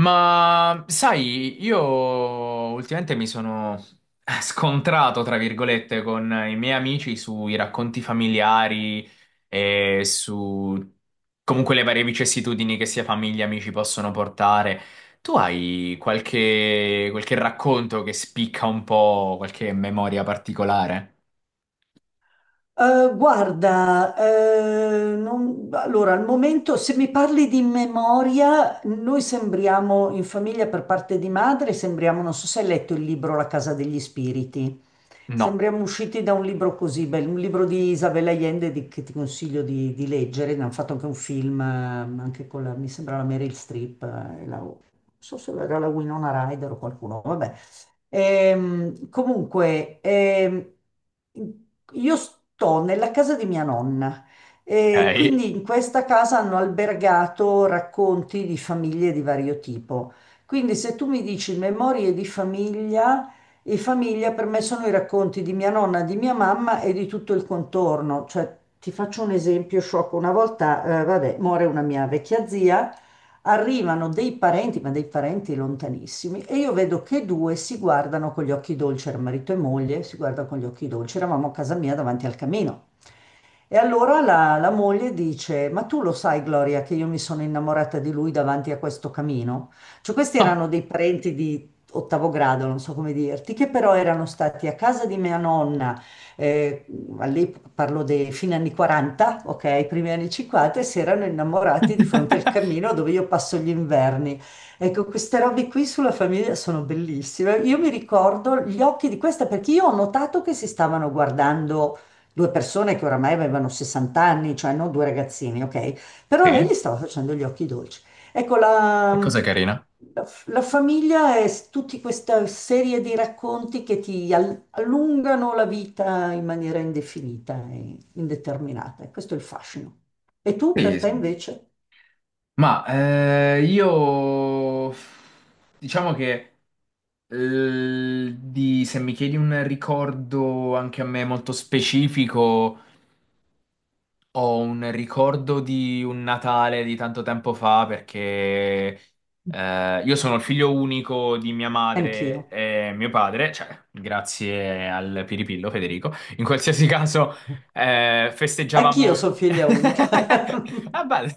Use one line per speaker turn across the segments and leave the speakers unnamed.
Ma sai, io ultimamente mi sono scontrato, tra virgolette, con i miei amici sui racconti familiari e su comunque le varie vicissitudini che sia famiglia e amici possono portare. Tu hai qualche racconto che spicca un po', qualche memoria particolare?
Guarda, allora al momento se mi parli di memoria, noi sembriamo in famiglia per parte di madre, sembriamo, non so se hai letto il libro La casa degli spiriti,
No.
sembriamo usciti da un libro così bello, un libro di Isabel Allende che ti consiglio di leggere, ne hanno fatto anche un film, anche con la, mi sembra la Meryl Streep, e non so se era la Winona Ryder o qualcuno, vabbè. Comunque, io sto nella casa di mia nonna e
Ok.
quindi in questa casa hanno albergato racconti di famiglie di vario tipo. Quindi se tu mi dici memorie di famiglia, e famiglia per me sono i racconti di mia nonna, di mia mamma e di tutto il contorno. Cioè, ti faccio un esempio sciocco. Una volta, vabbè, muore una mia vecchia zia, arrivano dei parenti, ma dei parenti lontanissimi, e io vedo che due si guardano con gli occhi dolci, era marito e moglie, si guardano con gli occhi dolci, eravamo a casa mia davanti al camino. E allora la moglie dice: Ma tu lo sai, Gloria, che io mi sono innamorata di lui davanti a questo camino? Cioè, questi
Ah,
erano dei parenti di ottavo grado, non so come dirti, che però erano stati a casa di mia nonna, eh, all'epoca parlo dei fine anni 40, ok, primi anni 50, e si erano innamorati di fronte al camino dove io passo gli inverni. Ecco, queste robe qui sulla famiglia sono bellissime. Io mi ricordo gli occhi di questa perché io ho notato che si stavano guardando. Due persone che oramai avevano 60 anni, cioè non due ragazzini, ok? Però lei
sì.
gli stava facendo gli occhi dolci. Ecco,
Che
la,
cosa carina.
la f- la famiglia è tutta questa serie di racconti che ti allungano la vita in maniera indefinita e indeterminata. E questo è il fascino. E tu, per
Sì,
te
sì.
invece?
Ma io diciamo che. Se mi chiedi un ricordo anche a me molto specifico, ho un ricordo di un Natale di tanto tempo fa perché io sono il figlio unico di mia madre
Anch'io.
e mio padre, cioè grazie al Piripillo Federico. In qualsiasi caso
Anch'io
festeggiavamo...
sono figlia unica.
Ah, bello.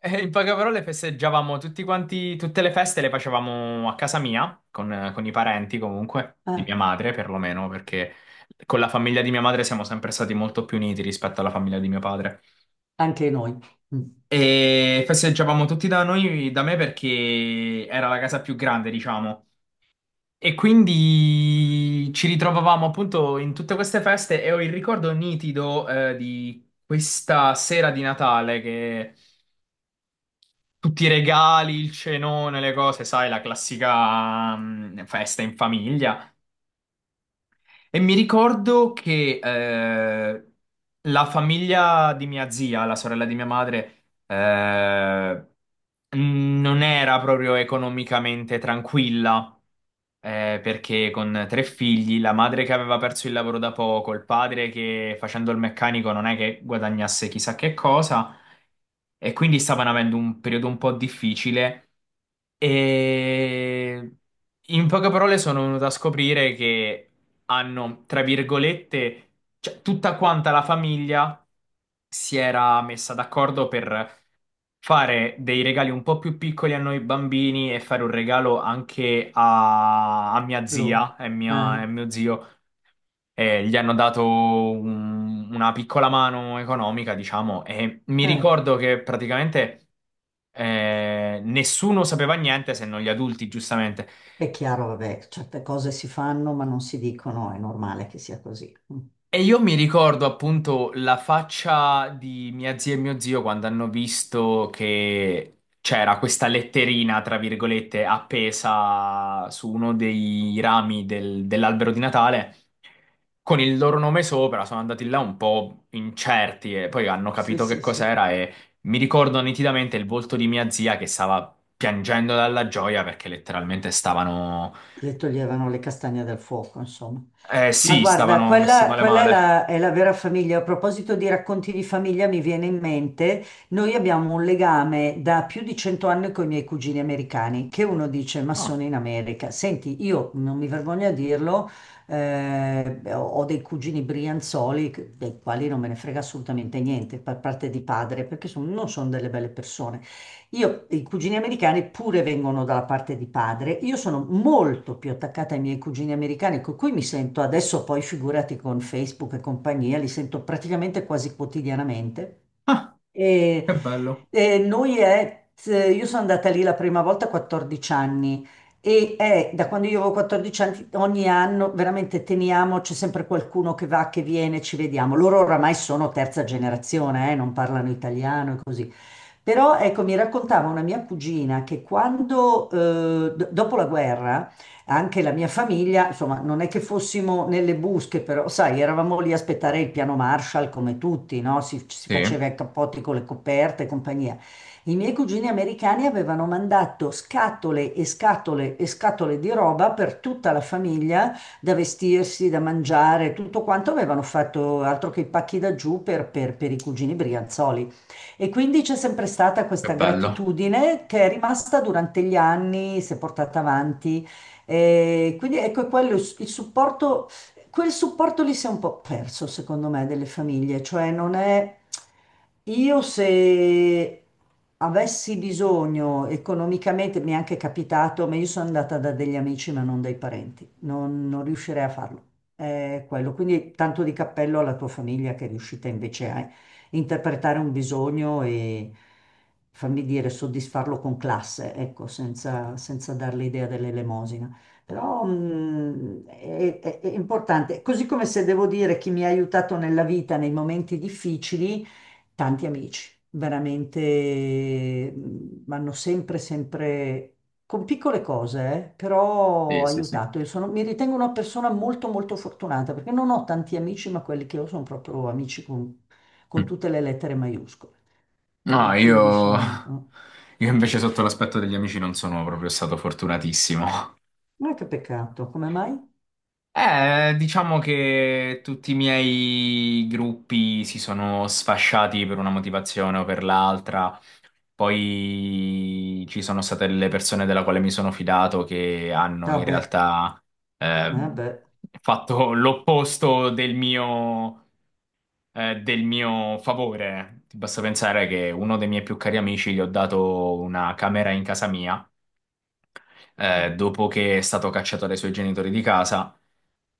In poche parole festeggiavamo tutti quanti, tutte le feste le facevamo a casa mia, con i parenti comunque, di mia
Ah,
madre perlomeno, perché con la famiglia di mia madre siamo sempre stati molto più uniti rispetto alla famiglia di mio padre.
anche noi. Mm,
E festeggiavamo tutti da noi, da me, perché era la casa più grande, diciamo. E quindi ci ritrovavamo appunto in tutte queste feste e ho il ricordo nitido, di questa sera di Natale che tutti i regali, il cenone, le cose, sai, la classica, mm, festa in famiglia. E mi ricordo che la famiglia di mia zia, la sorella di mia madre, non era proprio economicamente tranquilla. Perché con tre figli, la madre che aveva perso il lavoro da poco, il padre che facendo il meccanico non è che guadagnasse chissà che cosa, e quindi stavano avendo un periodo un po' difficile. E in poche parole sono venuto a scoprire che hanno, tra virgolette, cioè, tutta quanta la famiglia si era messa d'accordo per fare dei regali un po' più piccoli a noi bambini e fare un regalo anche a mia
loro.
zia e
Ah,
mio zio. E gli hanno dato una piccola mano economica, diciamo, e mi
eh.
ricordo che praticamente nessuno sapeva niente se non gli adulti, giustamente.
È chiaro, vabbè, certe cose si fanno ma non si dicono, è normale che sia così. Mm.
E io mi ricordo appunto la faccia di mia zia e mio zio quando hanno visto che c'era questa letterina, tra virgolette, appesa su uno dei rami dell'albero di Natale con il loro nome sopra. Sono andati là un po' incerti e poi hanno
Sì,
capito che
sì, sì.
cos'era e mi ricordo nitidamente il volto di mia zia che stava piangendo dalla gioia perché letteralmente stavano.
Le toglievano le castagne dal fuoco, insomma.
Eh
Ma
sì,
guarda,
stavano messi
quella,
male
quella
male.
è la vera famiglia. A proposito di racconti di famiglia, mi viene in mente, noi abbiamo un legame da più di 100 anni con i miei cugini americani, che uno dice, ma
Ah.
sono in America. Senti, io non mi vergogno a dirlo, ho dei cugini brianzoli, dei quali non me ne frega assolutamente niente, per parte di padre, perché non sono delle belle persone. Io, i cugini americani pure vengono dalla parte di padre. Io sono molto più attaccata ai miei cugini americani, con cui mi sento adesso, poi figurati con Facebook e compagnia, li sento praticamente quasi quotidianamente.
Ah,
E,
che bello.
e io sono andata lì la prima volta a 14 anni e è da quando io avevo 14 anni, ogni anno veramente teniamo, c'è sempre qualcuno che va, che viene, ci vediamo. Loro oramai sono terza generazione, non parlano italiano e così. Però ecco, mi raccontava una mia cugina che quando, dopo la guerra, anche la mia famiglia, insomma, non è che fossimo nelle busche, però sai, eravamo lì a aspettare il piano Marshall come tutti, no? Si
Sì,
faceva i cappotti con le coperte e compagnia. I miei cugini americani avevano mandato scatole e scatole e scatole di roba per tutta la famiglia, da vestirsi, da mangiare, tutto quanto avevano fatto altro che i pacchi da giù per i cugini brianzoli. E quindi c'è sempre stata
che
questa
bello.
gratitudine che è rimasta durante gli anni, si è portata avanti. E quindi ecco quello, il supporto, quel supporto lì si è un po' perso, secondo me, delle famiglie, cioè non è. Io se avessi bisogno economicamente, mi è anche capitato, ma io sono andata da degli amici ma non dai parenti, non riuscirei a farlo. È quello. Quindi tanto di cappello alla tua famiglia che è riuscita invece a interpretare un bisogno e fammi dire soddisfarlo con classe, ecco, senza, senza dare l'idea dell'elemosina. Però è importante, così come se devo dire chi mi ha aiutato nella vita nei momenti difficili, tanti amici, veramente mi hanno sempre, sempre, con piccole cose,
Sì,
però
sì, sì.
aiutato. Mi ritengo una persona molto, molto fortunata perché non ho tanti amici, ma quelli che ho sono proprio amici con
Mm.
tutte le lettere maiuscole.
No,
E
io...
quindi sono. Oh,
Io invece sotto l'aspetto degli amici non sono proprio stato fortunatissimo.
ma che peccato, come mai?
Diciamo che tutti i miei gruppi si sono sfasciati per una motivazione o per l'altra. Poi ci sono state le persone della quale mi sono fidato che hanno in
Vabbè,
realtà ehm,
vabbè,
fatto l'opposto del mio favore. Ti basta pensare che uno dei miei più cari amici gli ho dato una camera in casa mia dopo che è stato cacciato dai suoi genitori di casa.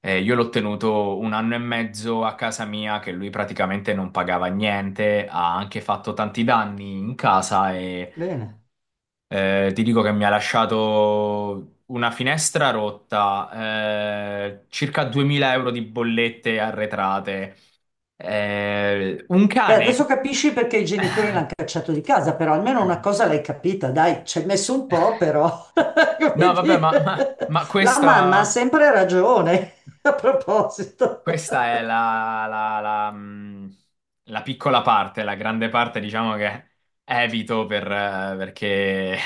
Io l'ho tenuto un anno e mezzo a casa mia, che lui praticamente non pagava niente, ha anche fatto tanti danni in casa e
bene.
ti dico che mi ha lasciato una finestra rotta, circa 2000 euro di bollette arretrate, un
Beh,
cane.
adesso capisci perché i genitori l'hanno cacciato di casa, però almeno una cosa l'hai capita, dai, ci hai messo un po', però, come
No, vabbè, ma, ma,
dire,
ma
la mamma ha
questa...
sempre ragione, a proposito.
Questa è la, la piccola parte, la grande parte, diciamo che evito per, perché...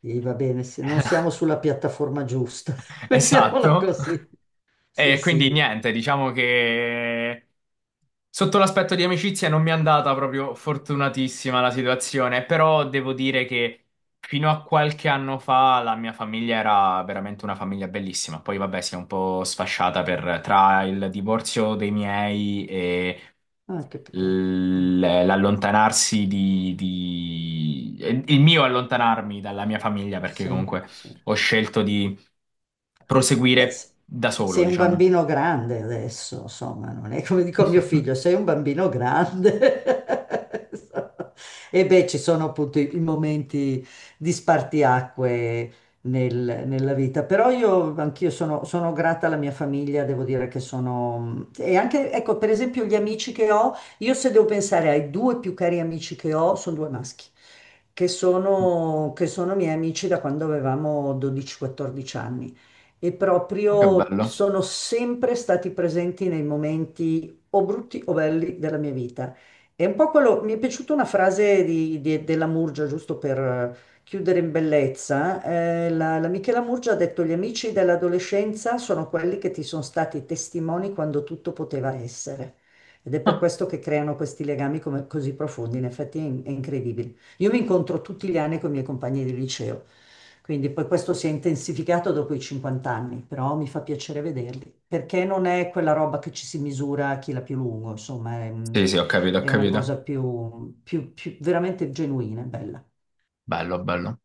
Sì, va bene, se non siamo sulla piattaforma giusta, mettiamola
Esatto.
così. Sì,
E quindi
sì.
niente, diciamo che sotto l'aspetto di amicizia non mi è andata proprio fortunatissima la situazione, però devo dire che fino a qualche anno fa la mia famiglia era veramente una famiglia bellissima. Poi vabbè, si è un po' sfasciata per, tra il divorzio dei miei e
Ah, che peccato.
l'allontanarsi di, il mio allontanarmi dalla mia famiglia perché
Sì,
comunque
sì.
ho scelto di
Beh,
proseguire da solo,
sei un
diciamo.
bambino grande adesso, insomma, non è come dico a mio figlio, sei un bambino grande. E beh, ci sono appunto i momenti di spartiacque nella vita, però io anch'io sono grata alla mia famiglia, devo dire che sono. E anche, ecco, per esempio gli amici che ho, io se devo pensare ai due più cari amici che ho, sono due maschi che sono miei amici da quando avevamo 12-14 anni e
Ma che
proprio
bello.
sono sempre stati presenti nei momenti o brutti o belli della mia vita. È un po' quello, mi è piaciuta una frase di, della Murgia, giusto per chiudere in bellezza. La Michela Murgia ha detto: Gli amici dell'adolescenza sono quelli che ti sono stati testimoni quando tutto poteva essere. Ed è per questo che creano questi legami così profondi. In effetti è incredibile. Io mi incontro tutti gli anni con i miei compagni di liceo, quindi poi questo si è intensificato dopo i 50 anni, però mi fa piacere vederli, perché non è quella roba che ci si misura a chi l'ha più lungo, insomma,
Sì, sì, ho capito, ho
è una cosa
capito.
più, più veramente genuina, e bella.
Bello, bello.